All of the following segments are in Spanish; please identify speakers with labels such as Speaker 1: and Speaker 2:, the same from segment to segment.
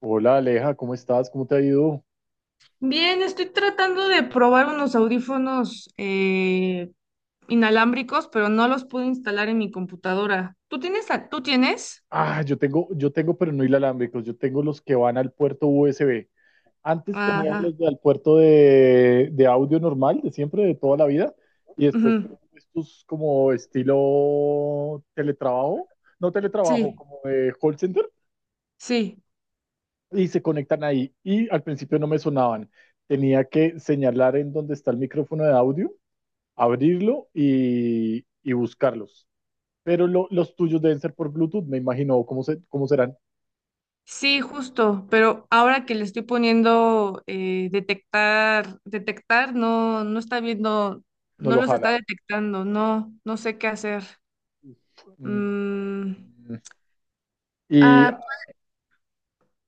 Speaker 1: Hola Aleja, ¿cómo estás? ¿Cómo te ha ido?
Speaker 2: Bien, estoy tratando de probar unos audífonos inalámbricos, pero no los pude instalar en mi computadora. ¿Tú tienes? ¿Tú tienes?
Speaker 1: Ah, yo tengo, pero no inalámbricos, yo tengo los que van al puerto USB. Antes tenía
Speaker 2: Ajá,
Speaker 1: los del puerto de audio normal, de siempre, de toda la vida, y después tengo
Speaker 2: ujú,
Speaker 1: estos como estilo teletrabajo, no teletrabajo,
Speaker 2: sí,
Speaker 1: como de call center,
Speaker 2: sí,
Speaker 1: y se conectan ahí. Y al principio no me sonaban. Tenía que señalar en dónde está el micrófono de audio, abrirlo y buscarlos. Pero los tuyos deben ser por Bluetooth, me imagino. ¿Cómo, se, cómo serán?
Speaker 2: sí, justo. Pero ahora que le estoy poniendo detectar, no, no está viendo,
Speaker 1: No
Speaker 2: no
Speaker 1: lo
Speaker 2: los está
Speaker 1: jala.
Speaker 2: detectando. No, no sé qué hacer.
Speaker 1: Mm,
Speaker 2: Mm,
Speaker 1: mm. ¿Y
Speaker 2: ah,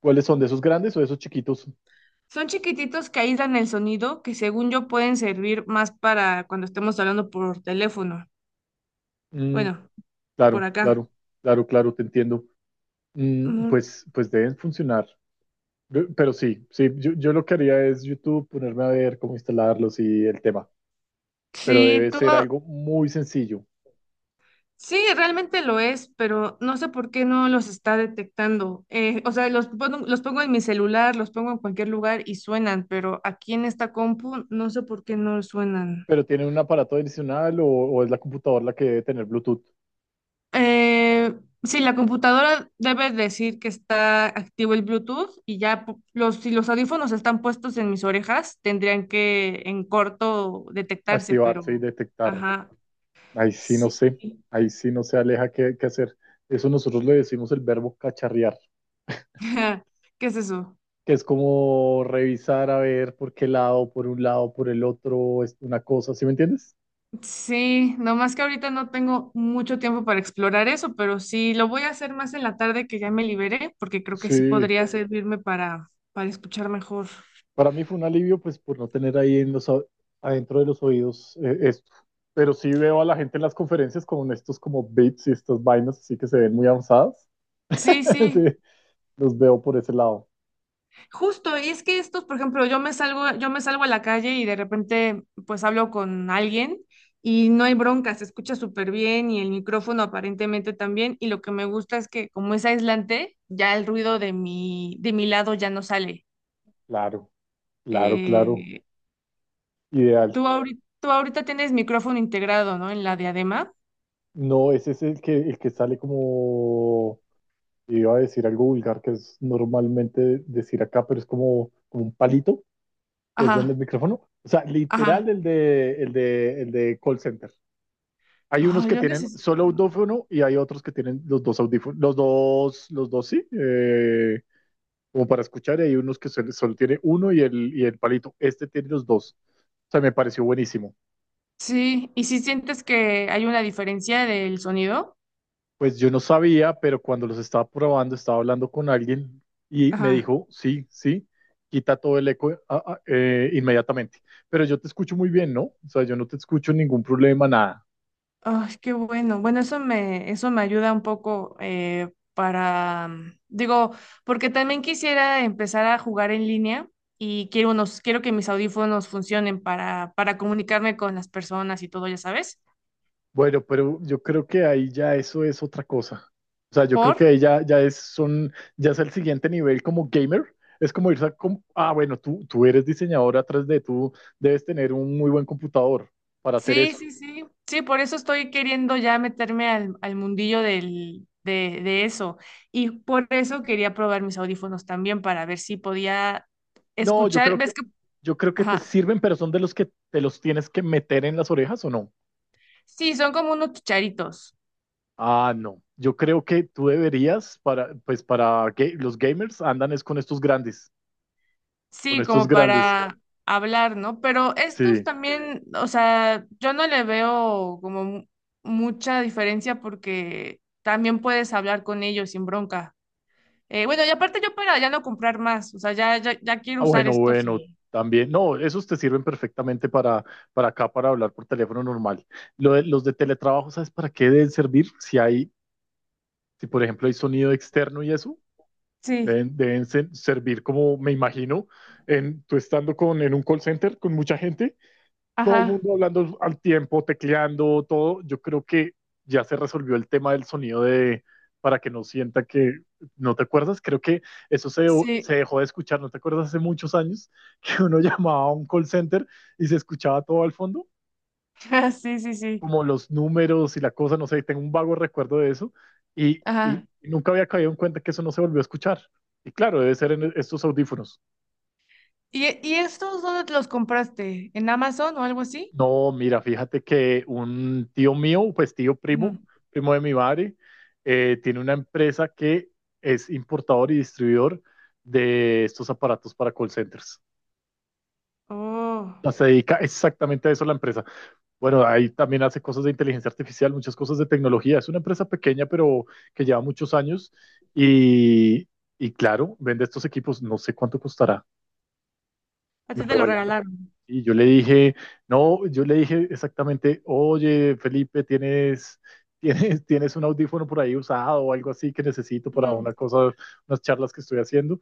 Speaker 1: cuáles son? ¿De esos grandes o de esos chiquitos?
Speaker 2: son chiquititos que aíslan el sonido, que según yo pueden servir más para cuando estemos hablando por teléfono.
Speaker 1: Mm,
Speaker 2: Bueno, por
Speaker 1: claro,
Speaker 2: acá.
Speaker 1: claro, claro, claro, te entiendo. Mm,
Speaker 2: Mm,
Speaker 1: pues, pues deben funcionar. Pero sí, sí, yo lo que haría es YouTube, ponerme a ver cómo instalarlos y el tema. Pero
Speaker 2: sí,
Speaker 1: debe ser
Speaker 2: todo,
Speaker 1: algo muy sencillo.
Speaker 2: sí, realmente lo es, pero no sé por qué no los está detectando. O sea, los pongo en mi celular, los pongo en cualquier lugar y suenan, pero aquí en esta compu no sé por qué no suenan.
Speaker 1: ¿Pero tienen un aparato adicional o es la computadora la que debe tener Bluetooth?
Speaker 2: Eh, sí, la computadora debe decir que está activo el Bluetooth y ya los, si los audífonos están puestos en mis orejas, tendrían que en corto detectarse,
Speaker 1: Activarse y
Speaker 2: pero
Speaker 1: detectar.
Speaker 2: ajá,
Speaker 1: Ahí sí no
Speaker 2: sí.
Speaker 1: sé, ahí sí no sé, Aleja, qué, qué hacer. Eso nosotros le decimos el verbo cacharrear,
Speaker 2: ¿Qué es eso?
Speaker 1: que es como revisar a ver por qué lado, por un lado, por el otro, es una cosa, ¿sí me entiendes?
Speaker 2: Sí, nomás que ahorita no tengo mucho tiempo para explorar eso, pero sí, lo voy a hacer más en la tarde que ya me liberé, porque creo que sí
Speaker 1: Sí,
Speaker 2: podría servirme para escuchar mejor.
Speaker 1: para mí fue un alivio pues por no tener ahí en los, adentro de los oídos esto. Pero sí veo a la gente en las conferencias con estos como bits y estas vainas así que se ven muy avanzadas.
Speaker 2: Sí,
Speaker 1: Sí,
Speaker 2: sí.
Speaker 1: los veo por ese lado.
Speaker 2: Justo, y es que estos, por ejemplo, yo me salgo a la calle y de repente pues hablo con alguien y no hay bronca, se escucha súper bien y el micrófono aparentemente también, y lo que me gusta es que como es aislante, ya el ruido de mi lado ya no sale.
Speaker 1: Claro, claro, claro.
Speaker 2: Eh,
Speaker 1: Ideal.
Speaker 2: tú ahorita tienes micrófono integrado, ¿no? En la diadema.
Speaker 1: No, ese es el que sale como. Iba a decir algo vulgar que es normalmente decir acá, pero es como, como un palito, que es donde el
Speaker 2: Ajá,
Speaker 1: micrófono. O sea,
Speaker 2: ajá.
Speaker 1: literal el de call center. Hay unos
Speaker 2: Ay,
Speaker 1: que
Speaker 2: yo
Speaker 1: tienen
Speaker 2: necesito
Speaker 1: solo
Speaker 2: uno.
Speaker 1: audífono y hay otros que tienen los dos audífonos, los dos sí, como para escuchar, y hay unos que solo tiene uno y el palito. Este tiene los dos. O sea, me pareció buenísimo.
Speaker 2: Sí, ¿y si sientes que hay una diferencia del sonido?
Speaker 1: Pues yo no sabía, pero cuando los estaba probando, estaba hablando con alguien y me
Speaker 2: Ajá.
Speaker 1: dijo, sí, sí, quita todo el eco inmediatamente. Pero yo te escucho muy bien, ¿no? O sea, yo no te escucho ningún problema, nada.
Speaker 2: Ay, qué bueno. Bueno, eso me ayuda un poco para, mm, digo, porque también quisiera empezar a jugar en línea y quiero unos, quiero que mis audífonos funcionen para comunicarme con las personas y todo, ya sabes.
Speaker 1: Bueno, pero yo creo que ahí ya eso es otra cosa. O sea, yo creo
Speaker 2: ¿Por?
Speaker 1: que ahí ya, ya es, son, ya es el siguiente nivel como gamer. Es como irse a, com- ah, bueno, tú eres diseñador atrás de tú, debes tener un muy buen computador para hacer
Speaker 2: Sí,
Speaker 1: eso.
Speaker 2: sí, sí. Sí, por eso estoy queriendo ya meterme al, al mundillo del, de eso. Y por eso quería probar mis audífonos también para ver si podía
Speaker 1: No,
Speaker 2: escuchar. ¿Ves que?
Speaker 1: yo creo que te
Speaker 2: Ajá.
Speaker 1: sirven, pero son de los que te los tienes que meter en las orejas o no.
Speaker 2: Sí, son como unos chicharitos.
Speaker 1: Ah, no. Yo creo que tú deberías para, pues para que los gamers andan es con estos grandes, con
Speaker 2: Sí,
Speaker 1: estos
Speaker 2: como
Speaker 1: grandes.
Speaker 2: para hablar, ¿no? Pero estos
Speaker 1: Sí.
Speaker 2: también, o sea, yo no le veo como mucha diferencia porque también puedes hablar con ellos sin bronca. Bueno, y aparte yo para ya no comprar más, o sea, ya, ya, ya quiero
Speaker 1: Ah,
Speaker 2: usar
Speaker 1: bueno,
Speaker 2: estos
Speaker 1: bueno,
Speaker 2: y...
Speaker 1: también. No, esos te sirven perfectamente para acá, para hablar por teléfono normal. Los de teletrabajo, ¿sabes para qué deben servir? Si hay, si por ejemplo hay sonido externo y eso,
Speaker 2: Sí,
Speaker 1: deben servir como me imagino, tú estando en un call center con mucha gente, todo el
Speaker 2: ajá,
Speaker 1: mundo hablando al tiempo, tecleando, todo. Yo creo que ya se resolvió el tema del sonido de para que no sienta que no te acuerdas. Creo que eso se,
Speaker 2: sí,
Speaker 1: se dejó de escuchar. ¿No te acuerdas hace muchos años que uno llamaba a un call center y se escuchaba todo al fondo?
Speaker 2: sí, sí, sí,
Speaker 1: Como los números y la cosa, no sé, tengo un vago recuerdo de eso. Y
Speaker 2: ajá.
Speaker 1: nunca había caído en cuenta que eso no se volvió a escuchar. Y claro, debe ser en estos audífonos.
Speaker 2: Y estos dónde los compraste? ¿En Amazon o algo así?
Speaker 1: No, mira, fíjate que un tío mío, pues tío primo,
Speaker 2: Ujú.
Speaker 1: primo de mi madre, tiene una empresa que es importador y distribuidor de estos aparatos para call centers.
Speaker 2: Oh,
Speaker 1: O sea, se dedica exactamente a eso la empresa. Bueno, ahí también hace cosas de inteligencia artificial, muchas cosas de tecnología. Es una empresa pequeña, pero que lleva muchos años y, y claro, vende estos equipos. No sé cuánto costará.
Speaker 2: a ti
Speaker 1: ¿Me
Speaker 2: te
Speaker 1: lo
Speaker 2: lo
Speaker 1: regalas?
Speaker 2: regalaron.
Speaker 1: Y yo le dije, no, yo le dije exactamente, oye, Felipe, tienes un audífono por ahí usado o algo así que necesito para
Speaker 2: Ujú,
Speaker 1: una cosa, unas charlas que estoy haciendo.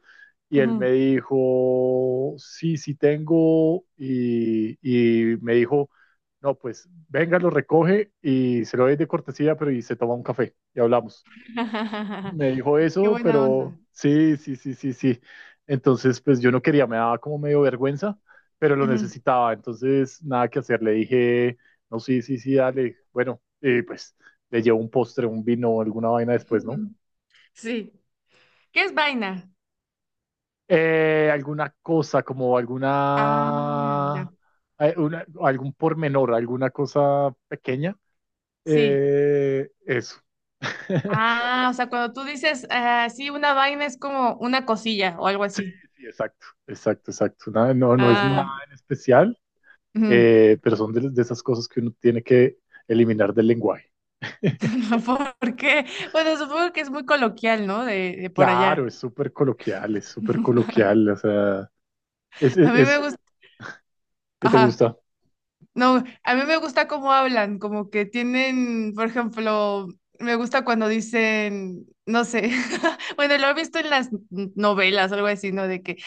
Speaker 1: Y él me
Speaker 2: ujú.
Speaker 1: dijo, sí, sí tengo. Y me dijo, no, pues venga, lo recoge y se lo doy de cortesía, pero y se toma un café y hablamos. Me dijo
Speaker 2: Qué
Speaker 1: eso,
Speaker 2: buena
Speaker 1: pero
Speaker 2: onda.
Speaker 1: sí, sí, sí, sí, sí. Entonces, pues yo no quería, me daba como medio vergüenza, pero lo
Speaker 2: Ujú,
Speaker 1: necesitaba. Entonces, nada que hacer. Le dije, no, sí, sí, sí, dale. Bueno, pues le llevo un postre, un vino, alguna vaina después, ¿no?
Speaker 2: ujú. Sí. ¿Qué es vaina?
Speaker 1: Alguna cosa,
Speaker 2: Ah, ya.
Speaker 1: algún pormenor, alguna cosa pequeña.
Speaker 2: Sí.
Speaker 1: Eso.
Speaker 2: Ah, o sea, cuando tú dices, ah, sí, una vaina es como una cosilla o algo así.
Speaker 1: Sí, exacto, exacto, exacto. No, no es
Speaker 2: Ah,
Speaker 1: nada en especial.
Speaker 2: ujú.
Speaker 1: Eh, pero son de esas cosas que uno tiene que eliminar del lenguaje.
Speaker 2: ¿Por qué? Bueno, supongo que es muy coloquial, ¿no? De por
Speaker 1: Claro,
Speaker 2: allá.
Speaker 1: es súper coloquial, o sea, es,
Speaker 2: A
Speaker 1: es,
Speaker 2: mí me
Speaker 1: es-
Speaker 2: gusta.
Speaker 1: ¿qué te
Speaker 2: Ajá.
Speaker 1: gusta?
Speaker 2: No, a mí me gusta cómo hablan, como que tienen, por ejemplo, me gusta cuando dicen, no sé, bueno, lo he visto en las novelas o algo así, ¿no? De que,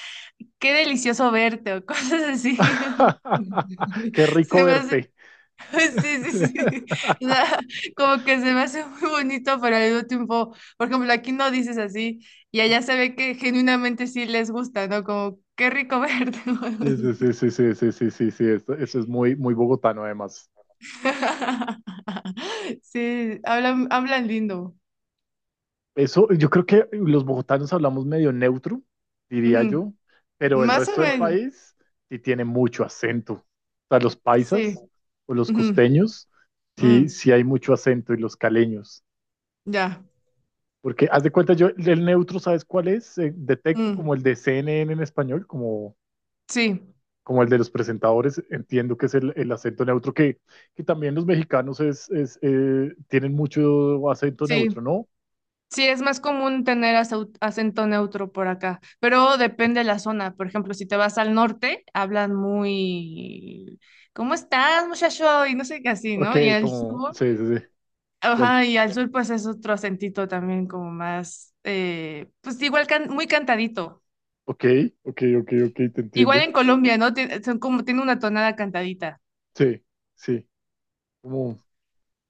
Speaker 2: qué delicioso verte o cosas así.
Speaker 1: Qué rico
Speaker 2: Se me hace,
Speaker 1: verte.
Speaker 2: sí, sí, sí. O sea, como que se me hace muy bonito, pero al mismo tiempo, por ejemplo, aquí no dices así y allá se ve que genuinamente sí les gusta, ¿no? Como, qué rico verte.
Speaker 1: Sí, sí, sí, sí, sí, sí, sí, sí, sí, eso es muy, muy bogotano además.
Speaker 2: Sí, hablan, hablan lindo.
Speaker 1: Eso, yo creo que los bogotanos hablamos medio neutro, diría
Speaker 2: Ujú.
Speaker 1: yo, pero el
Speaker 2: Más o
Speaker 1: resto del
Speaker 2: menos,
Speaker 1: país sí tiene mucho acento. O sea, los
Speaker 2: sí.
Speaker 1: paisas o los
Speaker 2: Ujú.
Speaker 1: costeños,
Speaker 2: Mm,
Speaker 1: sí, sí hay mucho acento y los caleños.
Speaker 2: ya.
Speaker 1: Porque haz de cuenta, yo el neutro, ¿sabes cuál es? Detecto
Speaker 2: Mm,
Speaker 1: como el de CNN en español, como,
Speaker 2: sí,
Speaker 1: como el de los presentadores, entiendo que es el acento neutro, que también los mexicanos tienen mucho acento neutro,
Speaker 2: sí.
Speaker 1: ¿no?
Speaker 2: Sí, es más común tener acento neutro por acá, pero depende de la zona. Por ejemplo, si te vas al norte, hablan muy, ¿cómo estás, muchacho? Y no sé qué así,
Speaker 1: Ok,
Speaker 2: ¿no? Y al
Speaker 1: como,
Speaker 2: sur,
Speaker 1: sí, sí, sí. Y al
Speaker 2: ajá, y al sur pues es otro acentito también como más, pues igual muy cantadito.
Speaker 1: ok, ok, ok, ok, te
Speaker 2: Igual
Speaker 1: entiendo.
Speaker 2: en Colombia, ¿no? Son como, tiene una tonada cantadita.
Speaker 1: Sí, sí. Como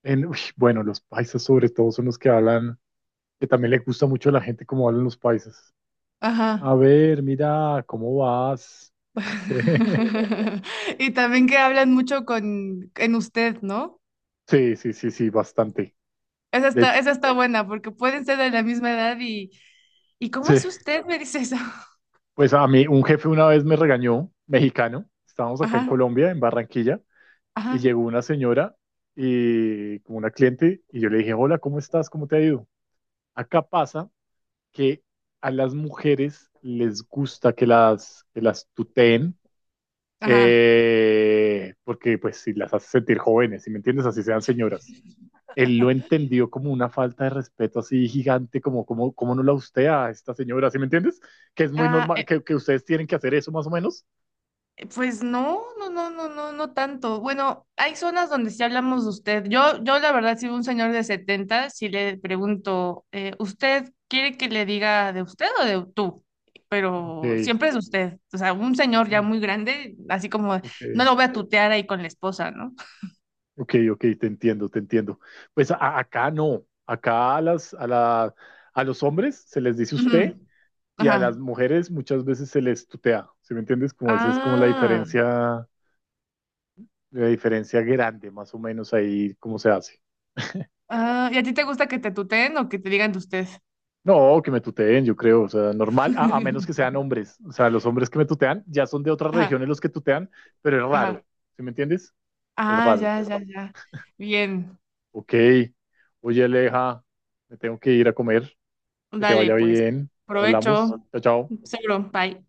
Speaker 1: en, uy, bueno, los paisas sobre todo son los que hablan, que también le gusta mucho a la gente cómo hablan los paisas.
Speaker 2: Ajá.
Speaker 1: A ver, mira, ¿cómo vas?
Speaker 2: Y también que hablan mucho con en usted, ¿no?
Speaker 1: Sí, sí, sí, sí, sí, bastante. De hecho,
Speaker 2: Esa está buena, porque pueden ser de la misma edad ¿y cómo
Speaker 1: sí.
Speaker 2: es usted? Me dice eso.
Speaker 1: Pues a mí un jefe una vez me regañó, mexicano. Estábamos acá en
Speaker 2: Ajá,
Speaker 1: Colombia, en Barranquilla,
Speaker 2: ajá,
Speaker 1: y llegó una señora y como una cliente y yo le dije, hola, ¿cómo estás? ¿Cómo te ha ido? Acá pasa que a las mujeres les gusta que las tuteen,
Speaker 2: ajá.
Speaker 1: porque pues si las hace sentir jóvenes, si me entiendes, así sean señoras. Él lo entendió como una falta de respeto así gigante, como no la usted a esta señora, ¿sí me entiendes? Que es muy
Speaker 2: Ah,
Speaker 1: normal, que ustedes tienen que hacer eso más o menos.
Speaker 2: pues no, no, no, no, no, no tanto. Bueno, hay zonas donde sí hablamos de usted. Yo la verdad, si veo un señor de 70, si le pregunto, ¿usted quiere que le diga de usted o de tú?
Speaker 1: Ok,
Speaker 2: Pero siempre es usted. O sea, un señor
Speaker 1: ok,
Speaker 2: ya muy grande, así como
Speaker 1: ok,
Speaker 2: no lo voy a tutear ahí con la esposa, ¿no?
Speaker 1: ok, ok, te entiendo, te entiendo. Pues acá no, acá a, las, a, la, a los hombres se les dice usted
Speaker 2: Ujú.
Speaker 1: y a las
Speaker 2: Ajá.
Speaker 1: mujeres muchas veces se les tutea, ¿sí me entiendes? Como eso es como
Speaker 2: Ah,
Speaker 1: la diferencia grande, más o menos ahí cómo se hace.
Speaker 2: ah, ¿y a ti te gusta que te tuteen o que te digan de usted?
Speaker 1: No, que me tuteen, yo creo, o sea, normal, a menos que sean hombres, o sea, los hombres que me tutean ya son de otras
Speaker 2: Ajá,
Speaker 1: regiones los que tutean, pero es raro,
Speaker 2: ajá.
Speaker 1: ¿sí me entiendes? Es
Speaker 2: Ah,
Speaker 1: raro.
Speaker 2: ya, ya, ya. Bien.
Speaker 1: Ok, oye Aleja, me tengo que ir a comer, que te
Speaker 2: Dale,
Speaker 1: vaya
Speaker 2: pues,
Speaker 1: bien, hablamos,
Speaker 2: provecho,
Speaker 1: chao, chao.
Speaker 2: seguro, bye.